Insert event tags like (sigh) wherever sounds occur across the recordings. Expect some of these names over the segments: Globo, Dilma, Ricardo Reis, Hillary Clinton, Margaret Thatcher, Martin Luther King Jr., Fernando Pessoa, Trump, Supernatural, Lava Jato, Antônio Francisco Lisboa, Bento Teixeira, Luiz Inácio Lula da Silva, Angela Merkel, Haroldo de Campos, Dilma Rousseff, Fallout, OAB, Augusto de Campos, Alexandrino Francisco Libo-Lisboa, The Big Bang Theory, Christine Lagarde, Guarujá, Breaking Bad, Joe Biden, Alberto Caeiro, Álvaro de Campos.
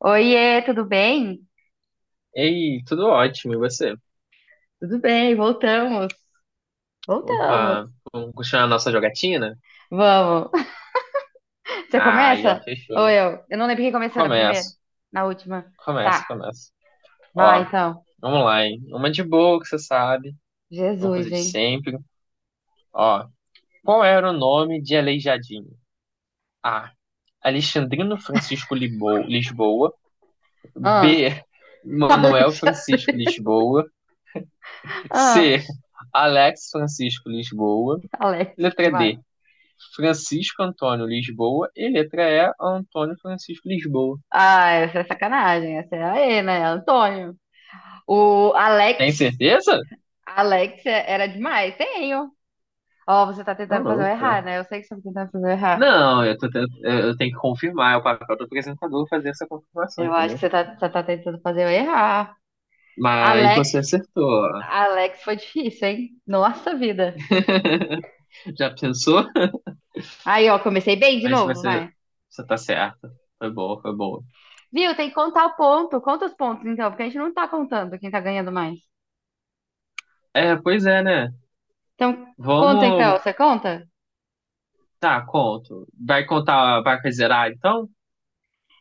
Oiê, tudo bem? Ei, tudo ótimo, e você? Tudo bem, voltamos. Voltamos. Opa, vamos continuar a nossa jogatina? Vamos. (laughs) Você Aí, ó, começa? fechou, Ou hein? eu? Eu não lembro quem começou na primeira, Começo, na última. começo, Tá, começo. vai Ó, então. vamos lá, hein? Uma de boa que você sabe, uma Jesus, coisa de hein? sempre. Ó, qual era o nome de Aleijadinho? A. Alexandrino Francisco Lisboa. Ah, B. (laughs) Manuel Alex, Francisco Lisboa. ah, C. Alex Francisco Lisboa. Alex, Letra demais. D. Francisco Antônio Lisboa e letra E, Antônio Francisco Lisboa. Ah, essa é sacanagem, essa é aê, né? Antônio. O Alex, Tem certeza? Alex era demais, tenho. Ó, você tá Tá tentando fazer eu louco, né? errar, né? Eu sei que você tá tentando fazer eu errar. Não, eu, tô tent- eu tenho que confirmar, é o papel do apresentador fazer essa confirmação, Eu acho entendeu? que você tá tentando fazer eu errar. Mas Alex você acertou, ó. Alex foi difícil, hein? Nossa vida. (laughs) Já pensou? Aí, ó, comecei bem de Mas novo, você, vai. você tá certa. Foi boa, foi boa. Viu? Tem que contar o ponto. Conta os pontos, então, porque a gente não tá contando quem tá ganhando mais. É, pois é, né? Então, conta então, Vamos. você conta? Tá, conto. Vai contar, vai zerar então?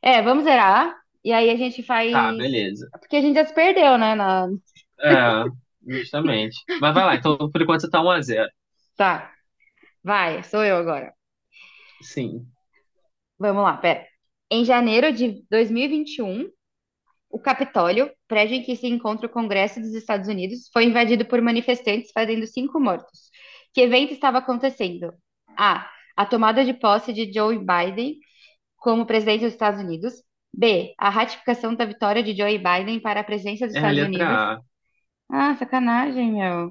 É, vamos zerar. E aí a gente faz. Tá, beleza. Porque a gente já se perdeu, né? É, justamente. Mas vai lá, então por enquanto você tá 1x0. Tá, vai, sou eu agora. Sim. Vamos lá, pera. Em janeiro de dois mil e vinte e um, o Capitólio, prédio em que se encontra o Congresso dos Estados Unidos, foi invadido por manifestantes, fazendo cinco mortos. Que evento estava acontecendo? A. A tomada de posse de Joe Biden como presidente dos Estados Unidos. B. A ratificação da vitória de Joe Biden para a presidência dos É a Estados letra Unidos. A. Ah, sacanagem, meu.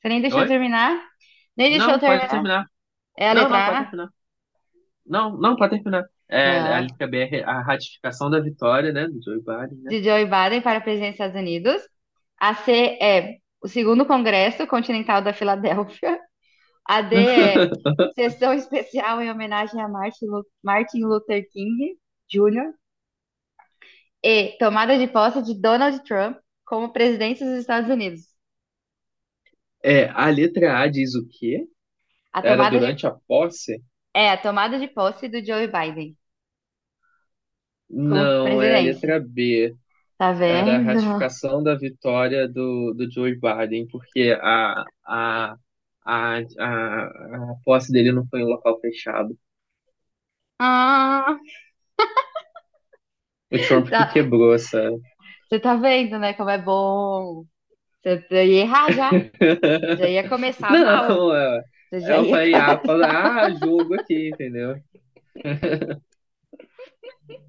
Você nem deixou eu Oi? terminar? Nem deixou eu Não, pode terminar? terminar. É a Não, não, pode letra A? terminar. Não, não, pode terminar. É, a Não. letra B é a ratificação da vitória, né, do Joe Biden, né? De Joe Biden para a presidência dos Estados Unidos. A C é o segundo Congresso Continental da Filadélfia. AD é sessão (laughs) especial em homenagem a Martin Luther King Jr. E tomada de posse de Donald Trump como presidente dos Estados Unidos. É, a letra A diz o quê? A Era tomada de, durante a posse? A tomada de posse do Joe Biden como Não, é a presidência. letra B. Tá Era a vendo? (laughs) ratificação da vitória do Joe Biden, porque a, a, a posse dele não foi em um local fechado. Ah, O Trump que tá- quebrou, sabe? você tá vendo, né, como é bom. Você ia errar já. Já ia (laughs) começar mal. Não, é. Você É, já eu ia. falei, ah, fala, ah, jogo aqui, entendeu?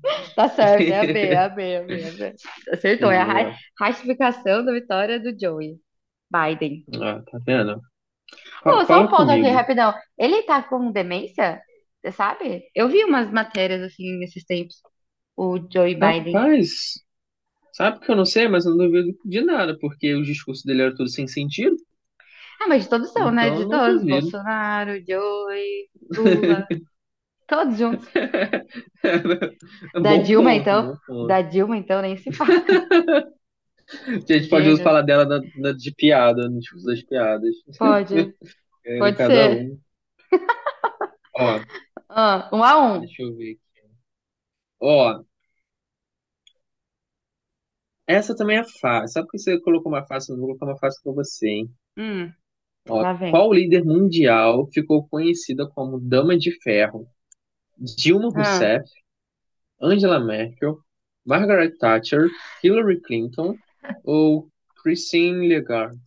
(laughs) Tá certo, é a B, é (laughs) a B, é a B, é a B. Acertou, é a Viu, ó. ratificação da vitória do Joey Biden. Ah, tá vendo? Co- Oh, só um Cola ponto aqui, comigo. rapidão. Ele tá com demência? Você sabe? Eu vi umas matérias assim nesses tempos. O Joe Biden. Rapaz, sabe que eu não sei, mas eu não duvido de nada, porque os discursos dele eram tudo sem sentido, Ah, mas de todos são, né? então De eu não todos. duvido. Bolsonaro, Joe, Lula. Todos juntos. (laughs) É Da bom Dilma, ponto, então. bom ponto. Da Dilma, então, nem se fala. A gente pode usar Gênios. falar dela de piada, no discurso das piadas. Pode. Era Pode cada ser. um. Ó, Ah, 1-1. deixa eu ver aqui. Ó, essa também é fácil. Sabe por que você colocou uma fácil? Eu não vou colocar uma fácil pra você, hein? Hum, Ó, lá vem. qual líder mundial ficou conhecida como Dama de Ferro? Dilma Ah, Rousseff, Angela Merkel, Margaret Thatcher, Hillary Clinton ou Christine Lagarde?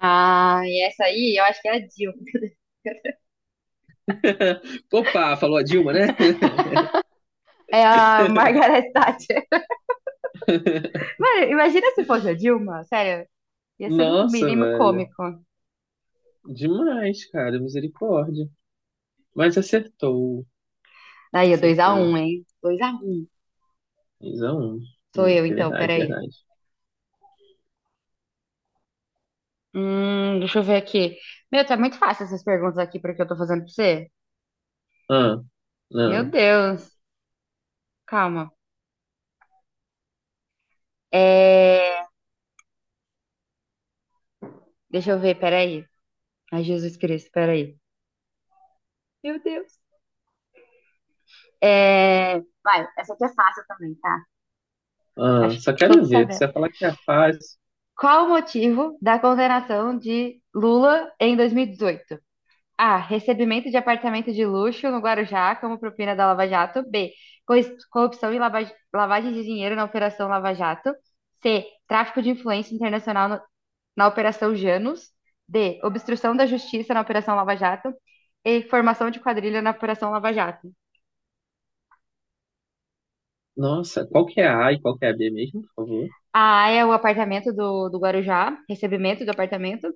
ah, e essa aí, eu acho que é a Dilma. (laughs) (laughs) Opa, falou a Dilma, né? É a Margaret Thatcher. (laughs) Mano, imagina se fosse a Dilma, sério. Ia ser o Nossa, mínimo velho. cômico. Demais, cara. Misericórdia. Mas acertou. Aí, dois a Acertou. um, hein? 2-1. 3 um, Sou 1. eu, É então, verdade, é peraí. verdade. Deixa eu ver aqui. Meu, tá muito fácil essas perguntas aqui porque eu tô fazendo pra você. Ah, Meu não, Deus. Calma. É... Deixa eu ver, peraí. Ai, Jesus Cristo, peraí. Meu Deus. É... Vai, essa aqui é fácil também, tá? ah. Acho Só que quero todos ver. Você sabemos. vai falar que é fácil. Qual o motivo da condenação de Lula em 2018? A. Recebimento de apartamento de luxo no Guarujá como propina da Lava Jato. B. Corrupção e lavagem de dinheiro na Operação Lava Jato. C. Tráfico de influência internacional na Operação Janus. D. Obstrução da justiça na Operação Lava Jato. E. Formação de quadrilha na Operação Lava Jato. Nossa, qual que é a A e qual que é a B mesmo, por favor? A é o apartamento do Guarujá, recebimento do apartamento.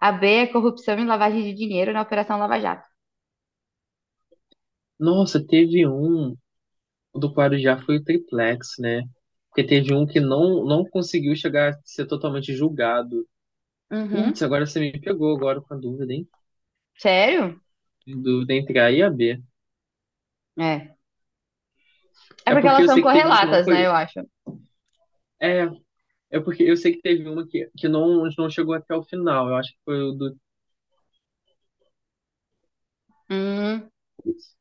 A B é corrupção e lavagem de dinheiro na Operação Lava Jato. Nossa, teve um do Guarujá foi o triplex, né? Porque teve um que não conseguiu chegar a ser totalmente julgado. Uhum. Putz, agora você me pegou agora com a dúvida, hein? Sério? Dúvida entre A e a B. É. É É porque porque elas eu são sei que teve um que não correlatas, né, foi. eu acho. É, é porque eu sei que teve uma que não chegou até o final. Eu acho que foi o do. Hum, Putz,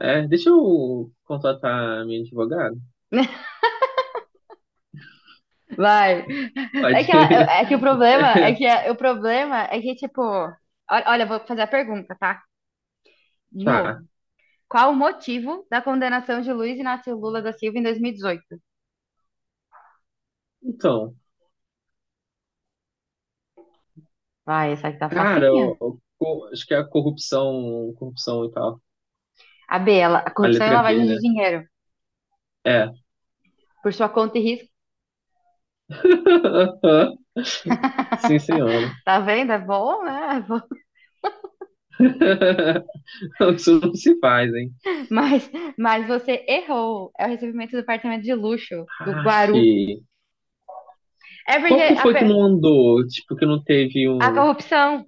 é, deixa eu contratar a minha advogada. (laughs) vai. É que, ela, Pode. É que o problema (laughs) o problema é que, tipo, olha, eu vou fazer a pergunta, tá? De novo. Tá. Qual o motivo da condenação de Luiz Inácio Lula da Silva em 2018? Então, Vai, essa aqui tá cara, facinha. Acho que é a corrupção, corrupção e tal. A B, ela, a A corrupção e letra B, lavagem de né? dinheiro, É. por sua conta e risco. (laughs) Sim, senhora. (laughs) Tá vendo? É bom, né? É bom. (laughs) Isso não se faz, hein? Mas, mas você errou. É o recebimento do apartamento de luxo, do Aff. Guaru. É Qual porque que a, foi que não andou? Tipo, que não teve a um. corrupção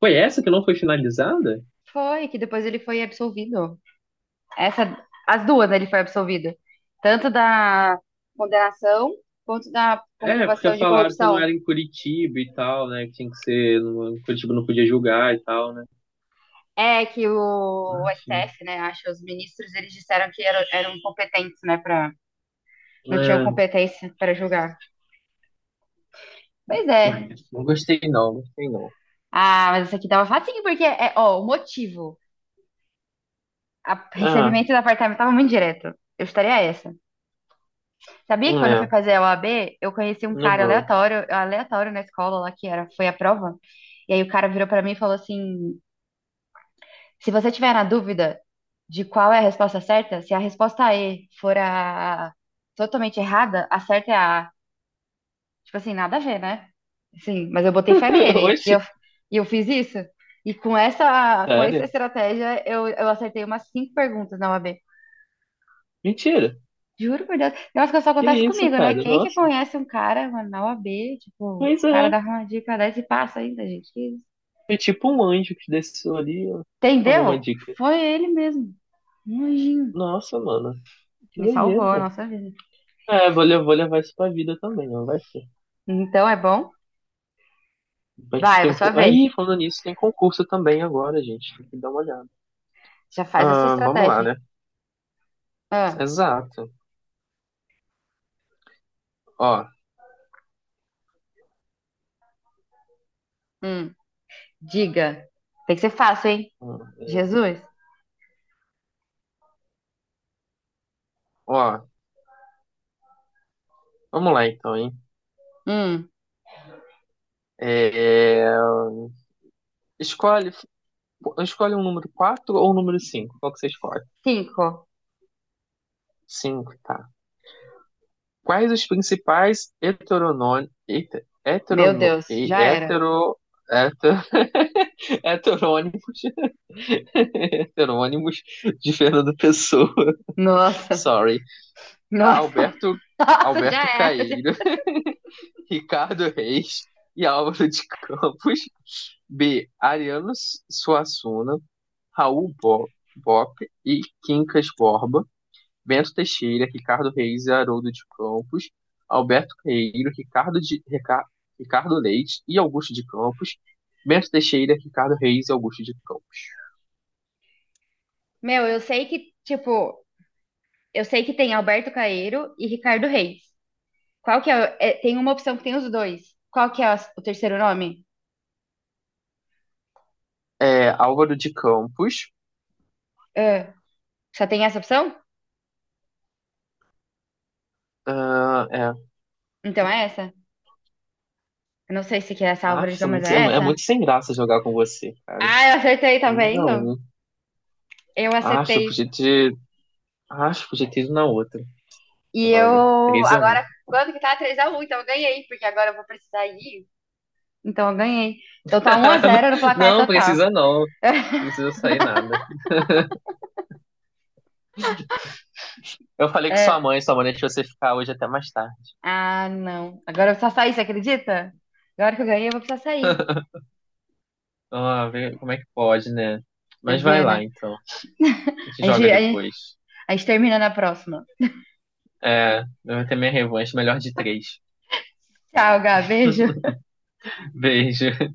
Foi essa que não foi finalizada? foi, que depois ele foi absolvido. Essa, as duas, né, ele foi absolvido. Tanto da condenação quanto da É, porque comprovação de falaram que não corrupção. era em Curitiba e tal, né? Que tinha que ser. Curitiba não podia julgar e tal, né? É que o, Enfim. STF, né, acho, os ministros, eles disseram que eram incompetentes, né, para não tinham É, competência para julgar. Pois é. ai, não gostei não, gostei não. Ah, mas isso aqui tava facinho, porque, é, ó, o motivo, a, Ah, recebimento do apartamento tava muito direto. Eu estaria essa. Sabia que quando eu fui é, fazer a OAB, eu conheci um não cara vou. aleatório, aleatório na escola lá, que era, foi a prova. E aí o cara virou pra mim e falou assim: se você tiver na dúvida de qual é a resposta certa, se a resposta E for a totalmente errada, a certa é a A. Tipo assim, nada a ver, né? Sim, mas eu botei fé (laughs) nele Oxe, e eu fiz isso. E com essa sério? estratégia, eu acertei umas cinco perguntas na OAB. Mentira. Juro por Deus. Nossa, que só Que acontece isso, comigo, né? cara? Quem que Nossa. conhece um cara, mano, na OAB, tipo, o Pois cara é. dá uma dica dessa e passa ainda, gente. Que isso? Foi tipo um anjo que desceu ali, ó. Toma uma Entendeu? dica. Foi ele mesmo, um anjinho. Nossa, mano. Que Me salvou a doideira. nossa vida. É, vou, vou levar isso pra vida também, ó. Vai que. Então é bom. Vai que Vai, tem é a um. sua vez. Aí, falando nisso, tem concurso também agora, gente. Tem que dar uma olhada. Já faz essa Ah, vamos estratégia, lá, hein? né? Ah, Exato. Ó. hum. Diga. Tem que ser fácil, hein? hum, é, Jesus. Ó. Vamos lá então, hein? Hum. É, escolhe. Escolhe um número 4 ou um número 5. Qual que você escolhe? Cinco. 5, tá. Quais os principais heteronônimos, Meu heterono, Deus, e- já era. hetero, heter- (laughs) heterônimos, (laughs) heterônimos de Fernando Pessoa? (laughs) Nossa, Sorry. (laughs) nossa, Alberto, (laughs) nossa, já Alberto era. Caeiro, (laughs) Ricardo Reis e Álvaro de Campos. B. Ariano Suassuna, Raul Bop e Quincas Borba. Bento Teixeira, Ricardo Reis e Haroldo de Campos, Alberto Queiro, Ricardo Leite e Augusto de Campos, Bento Teixeira, Ricardo Reis e Augusto de Campos. Meu, eu sei que, tipo, eu sei que tem Alberto Caeiro e Ricardo Reis. Qual que é, tem uma opção que tem os dois. Qual que é o terceiro nome? É, Álvaro de Campos. Ah, só tem essa opção? Ah, é. Então é essa? Eu não sei se que é essa Ah, Álvaro de é Campos, mas muito, é é essa. muito sem graça jogar com você, cara. Ah, eu acertei, tá Três a vendo? um. Eu Acho, eu acertei. podia ter. Acho, eu podia ter ido na outra. E eu Droga. 3x1. agora, quando que tá? 3-1, então eu ganhei, porque agora eu vou precisar ir. Então eu ganhei. Então tá 1-0 no (laughs) placar Não, total. precisa não. Não precisa sair nada. Eu falei que sua É. mãe, sua mãe deixou você ficar hoje até mais tarde. Ah, não. Agora eu vou precisar sair, você acredita? Agora que eu ganhei, eu vou precisar sair. Ah, vê como é que pode, né? Você Mas vai vê, né? lá, então. A gente A joga gente, depois. a gente termina na próxima. É, eu vou ter minha revanche, melhor de 3. Tchau, Gá. Beijo. (laughs) Beijo.